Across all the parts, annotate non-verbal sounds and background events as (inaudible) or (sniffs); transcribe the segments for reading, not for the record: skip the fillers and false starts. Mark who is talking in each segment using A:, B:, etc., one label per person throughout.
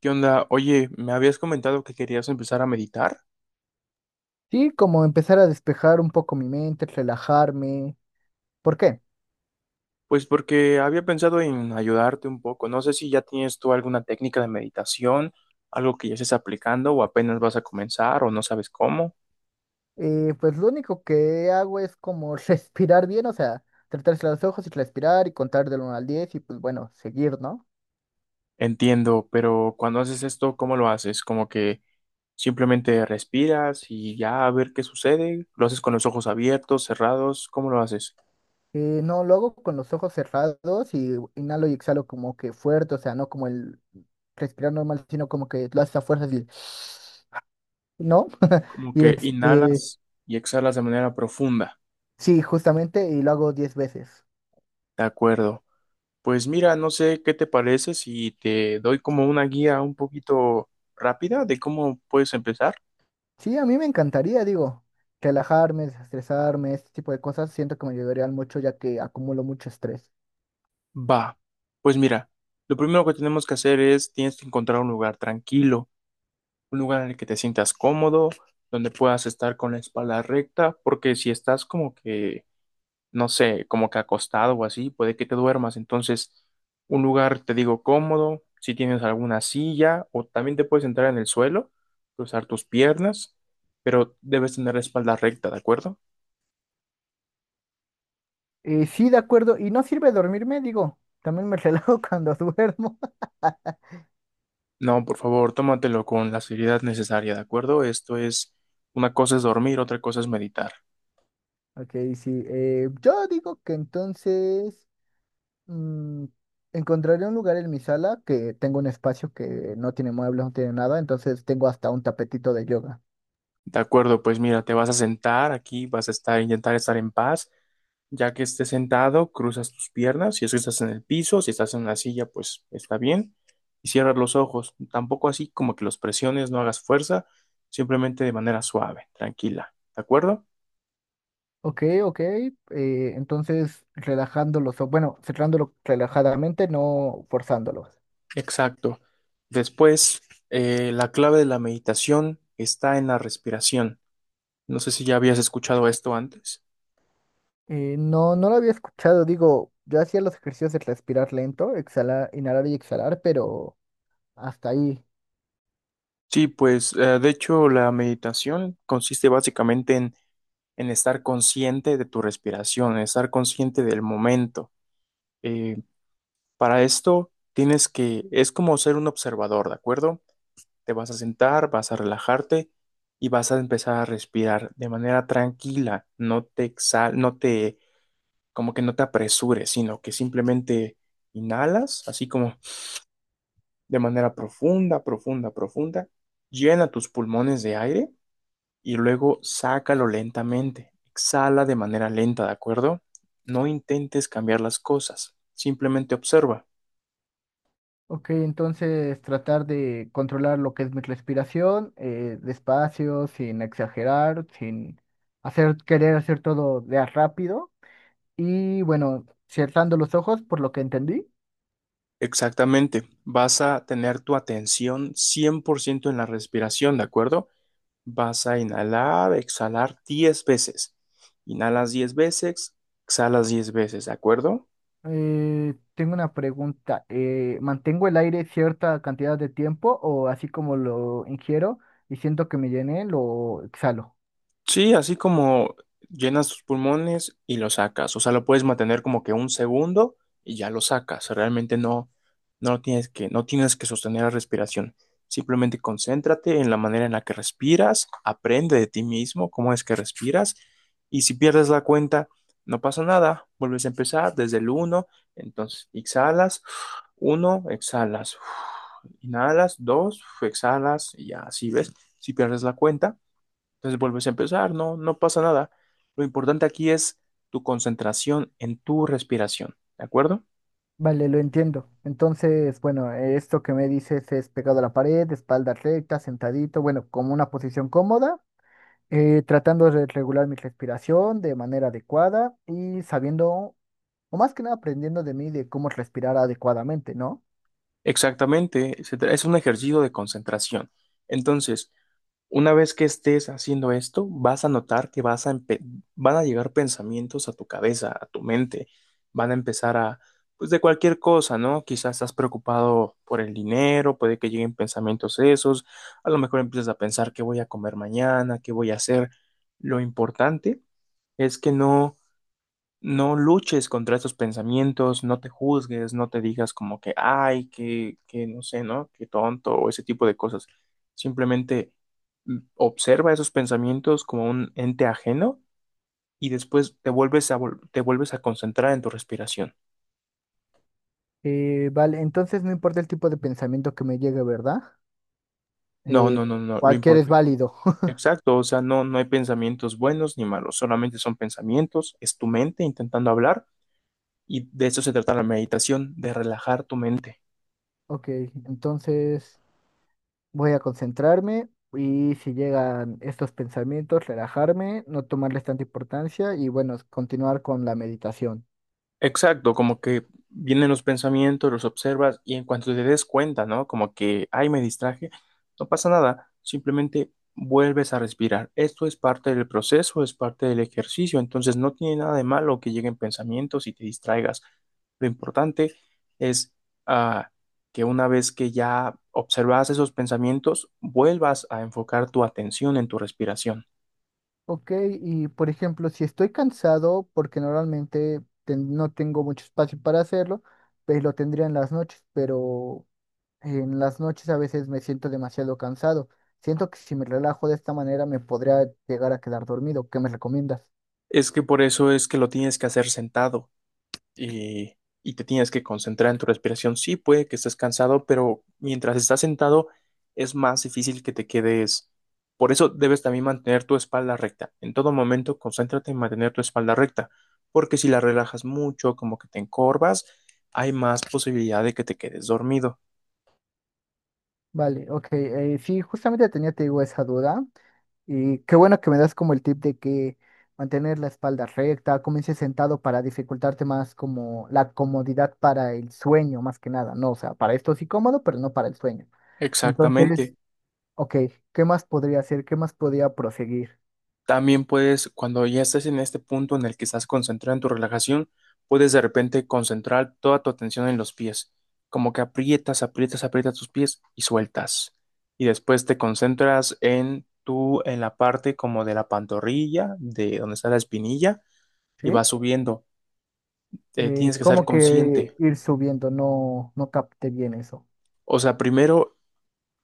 A: ¿Qué onda? Oye, me habías comentado que querías empezar a meditar.
B: Sí, como empezar a despejar un poco mi mente, relajarme. ¿Por qué?
A: Pues porque había pensado en ayudarte un poco. No sé si ya tienes tú alguna técnica de meditación, algo que ya estés aplicando o apenas vas a comenzar o no sabes cómo.
B: Pues lo único que hago es como (laughs) respirar bien, o sea, tratarse los ojos y respirar y contar del uno al 10 y pues bueno, seguir, ¿no?
A: Entiendo, pero cuando haces esto, ¿cómo lo haces? Como que simplemente respiras y ya a ver qué sucede. ¿Lo haces con los ojos abiertos, cerrados? ¿Cómo lo haces?
B: No, lo hago con los ojos cerrados y inhalo y exhalo como que fuerte, o sea, no como el respirar normal, sino como que lo haces a fuerzas y... (sniffs) ¿No? (laughs)
A: Como
B: Y
A: que
B: este,
A: inhalas y exhalas de manera profunda.
B: sí, justamente, y lo hago 10 veces.
A: De acuerdo. Pues mira, no sé qué te parece si te doy como una guía un poquito rápida de cómo puedes empezar.
B: Sí, a mí me encantaría, digo, relajarme, desestresarme, este tipo de cosas, siento que me ayudarían mucho ya que acumulo mucho estrés.
A: Va, pues mira, lo primero que tenemos que hacer es tienes que encontrar un lugar tranquilo, un lugar en el que te sientas cómodo, donde puedas estar con la espalda recta, porque si estás como que no sé, como que acostado o así, puede que te duermas. Entonces, un lugar, te digo, cómodo, si tienes alguna silla o también te puedes sentar en el suelo, cruzar tus piernas, pero debes tener la espalda recta, ¿de acuerdo?
B: Sí, de acuerdo, y no sirve dormirme, digo, también me (laughs) relajo cuando duermo. (laughs)
A: No, por favor, tómatelo con la seriedad necesaria, ¿de acuerdo? Esto es, una cosa es dormir, otra cosa es meditar.
B: Ok, sí, yo digo que entonces mm, encontraré un lugar en mi sala que tengo un espacio que no tiene muebles, no tiene nada, entonces tengo hasta un tapetito de yoga.
A: De acuerdo, pues mira, te vas a sentar aquí, vas a estar, intentar estar en paz. Ya que estés sentado, cruzas tus piernas. Si es que estás en el piso, si estás en una silla, pues está bien. Y cierras los ojos. Tampoco así como que los presiones, no hagas fuerza, simplemente de manera suave, tranquila. ¿De acuerdo?
B: Ok, ok, entonces relajándolo, bueno, cerrándolo relajadamente, no forzándolo.
A: Exacto. Después, la clave de la meditación está en la respiración. No sé si ya habías escuchado esto antes.
B: No, no lo había escuchado. Digo, yo hacía los ejercicios de respirar lento, exhalar, inhalar y exhalar, pero hasta ahí.
A: Sí, pues de hecho la meditación consiste básicamente en estar consciente de tu respiración, en estar consciente del momento. Eh, Para esto tienes que, es como ser un observador, ¿de acuerdo? Te vas a sentar, vas a relajarte y vas a empezar a respirar de manera tranquila, no te exhal, no te, como que no te apresures, sino que simplemente inhalas, así como de manera profunda, profunda, profunda, llena tus pulmones de aire y luego sácalo lentamente, exhala de manera lenta, ¿de acuerdo? No intentes cambiar las cosas, simplemente observa.
B: Ok, entonces tratar de controlar lo que es mi respiración, despacio, sin exagerar, sin hacer, querer hacer todo de a rápido. Y bueno, cerrando los ojos, por lo que entendí.
A: Exactamente. Vas a tener tu atención 100% en la respiración, ¿de acuerdo? Vas a inhalar, exhalar 10 veces. Inhalas 10 veces, exhalas 10 veces, ¿de acuerdo?
B: Tengo una pregunta. ¿Mantengo el aire cierta cantidad de tiempo o así como lo ingiero y siento que me llené, lo exhalo?
A: Sí, así como llenas tus pulmones y lo sacas. O sea, lo puedes mantener como que un segundo y ya lo sacas. Realmente no, no lo tienes que, no tienes que sostener la respiración. Simplemente concéntrate en la manera en la que respiras, aprende de ti mismo cómo es que respiras y si pierdes la cuenta, no pasa nada. Vuelves a empezar desde el uno. Entonces exhalas, 1, exhalas, inhalas, 2, exhalas y ya así ves. Si pierdes la cuenta, entonces vuelves a empezar, no, no pasa nada. Lo importante aquí es tu concentración en tu respiración, ¿de acuerdo?
B: Vale, lo entiendo. Entonces, bueno, esto que me dices es pegado a la pared, espalda recta, sentadito, bueno, como una posición cómoda, tratando de regular mi respiración de manera adecuada y sabiendo, o más que nada aprendiendo de mí de cómo respirar adecuadamente, ¿no?
A: Exactamente, es un ejercicio de concentración. Entonces, una vez que estés haciendo esto, vas a notar que van a llegar pensamientos a tu cabeza, a tu mente. Van a empezar a, pues de cualquier cosa, ¿no? Quizás estás preocupado por el dinero, puede que lleguen pensamientos esos. A lo mejor empiezas a pensar qué voy a comer mañana, qué voy a hacer. Lo importante es que no luches contra esos pensamientos, no te juzgues, no te digas como que, ay, que no sé, ¿no? Que tonto o ese tipo de cosas. Simplemente observa esos pensamientos como un ente ajeno y después te vuelves a concentrar en tu respiración.
B: Vale, entonces no importa el tipo de pensamiento que me llegue, ¿verdad?
A: No,
B: Eh,
A: no, no, no, lo
B: Cualquier es
A: importante,
B: válido. (laughs)
A: exacto, o sea, no, no hay pensamientos buenos ni malos, solamente son pensamientos, es tu mente intentando hablar y de eso se trata la meditación, de relajar tu mente.
B: Ok, entonces... Voy a concentrarme y si llegan estos pensamientos, relajarme, no tomarles tanta importancia y bueno, continuar con la meditación.
A: Exacto, como que vienen los pensamientos, los observas y en cuanto te des cuenta, ¿no? Como que, ay, me distraje, no pasa nada, simplemente vuelves a respirar. Esto es parte del proceso, es parte del ejercicio, entonces no tiene nada de malo que lleguen pensamientos y te distraigas. Lo importante es ah, que una vez que ya observas esos pensamientos, vuelvas a enfocar tu atención en tu respiración.
B: Ok, y por ejemplo, si estoy cansado, porque normalmente no tengo mucho espacio para hacerlo, pues lo tendría en las noches, pero en las noches a veces me siento demasiado cansado. Siento que si me relajo de esta manera me podría llegar a quedar dormido. ¿Qué me recomiendas?
A: Es que por eso es que lo tienes que hacer sentado. y, y te tienes que concentrar en tu respiración. Sí, puede que estés cansado, pero mientras estás sentado es más difícil que te quedes. Por eso debes también mantener tu espalda recta. En todo momento, concéntrate en mantener tu espalda recta, porque si la relajas mucho, como que te encorvas, hay más posibilidad de que te quedes dormido.
B: Vale, ok. Sí, justamente tenía, te digo, esa duda. Y qué bueno que me das como el tip de que mantener la espalda recta, comience sentado para dificultarte más como la comodidad para el sueño, más que nada, ¿no? O sea, para esto sí cómodo, pero no para el sueño. Entonces,
A: Exactamente.
B: ok, ¿qué más podría hacer? ¿Qué más podría proseguir?
A: También puedes, cuando ya estés en este punto en el que estás concentrado en tu relajación, puedes de repente concentrar toda tu atención en los pies, como que aprietas, aprietas, aprietas tus pies y sueltas. Y después te concentras en la parte como de la pantorrilla, de donde está la espinilla,
B: ¿Sí?
A: y vas subiendo. Tienes que ser
B: Como que
A: consciente.
B: ir subiendo, no, no capté bien eso.
A: O sea, primero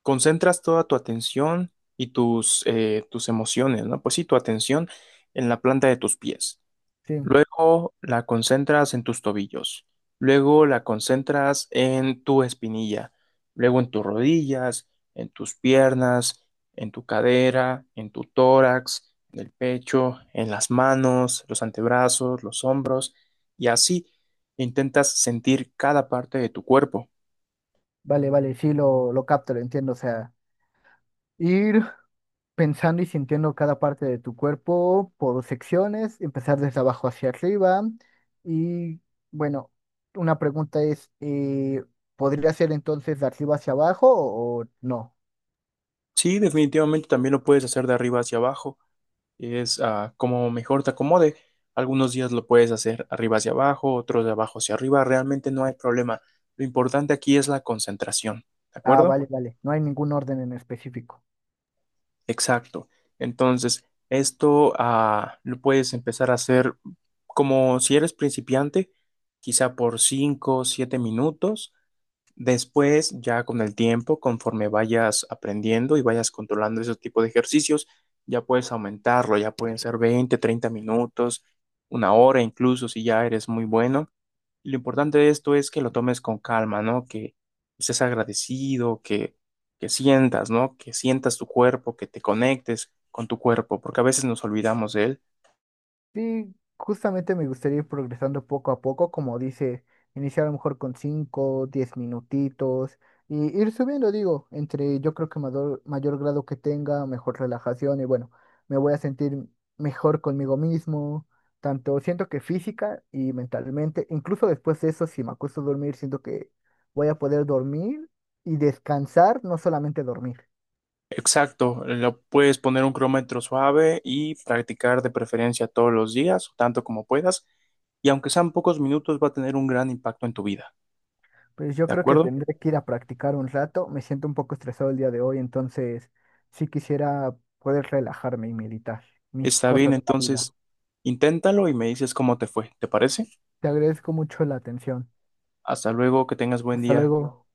A: concentras toda tu atención y tus emociones, ¿no? Pues sí, tu atención en la planta de tus pies.
B: Sí,
A: Luego la concentras en tus tobillos. Luego la concentras en tu espinilla. Luego en tus rodillas, en tus piernas, en tu cadera, en tu tórax, en el pecho, en las manos, los antebrazos, los hombros. Y así intentas sentir cada parte de tu cuerpo.
B: vale, vale, sí lo capto, lo entiendo. O sea, ir pensando y sintiendo cada parte de tu cuerpo por secciones, empezar desde abajo hacia arriba. Y bueno, una pregunta es, ¿podría ser entonces de arriba hacia abajo o no?
A: Sí, definitivamente también lo puedes hacer de arriba hacia abajo. Es como mejor te acomode. Algunos días lo puedes hacer arriba hacia abajo, otros de abajo hacia arriba. Realmente no hay problema. Lo importante aquí es la concentración, ¿de
B: Ah,
A: acuerdo?
B: vale, vale, no hay ningún orden en específico.
A: Exacto. Entonces, esto lo puedes empezar a hacer como si eres principiante, quizá por 5 o 7 minutos. Después, ya con el tiempo, conforme vayas aprendiendo y vayas controlando ese tipo de ejercicios, ya puedes aumentarlo, ya pueden ser 20 30 minutos, una hora incluso si ya eres muy bueno. Y lo importante de esto es que lo tomes con calma, ¿no? Que estés agradecido, que sientas, ¿no? Que sientas tu cuerpo, que te conectes con tu cuerpo, porque a veces nos olvidamos de él.
B: Sí, justamente me gustaría ir progresando poco a poco, como dice, iniciar a lo mejor con 5, 10 minutitos y ir subiendo, digo, entre yo creo que mayor, mayor grado que tenga, mejor relajación y bueno, me voy a sentir mejor conmigo mismo, tanto siento que física y mentalmente, incluso después de eso, si me acuesto a dormir, siento que voy a poder dormir y descansar, no solamente dormir.
A: Exacto, lo puedes poner un cronómetro suave y practicar de preferencia todos los días, tanto como puedas, y aunque sean pocos minutos, va a tener un gran impacto en tu vida,
B: Pues yo
A: ¿de
B: creo que
A: acuerdo?
B: tendré que ir a practicar un rato. Me siento un poco estresado el día de hoy, entonces sí quisiera poder relajarme y meditar mis
A: Está bien,
B: cosas de la vida.
A: entonces, inténtalo y me dices cómo te fue, ¿te parece?
B: Te agradezco mucho la atención.
A: Hasta luego, que tengas buen
B: Hasta
A: día.
B: luego.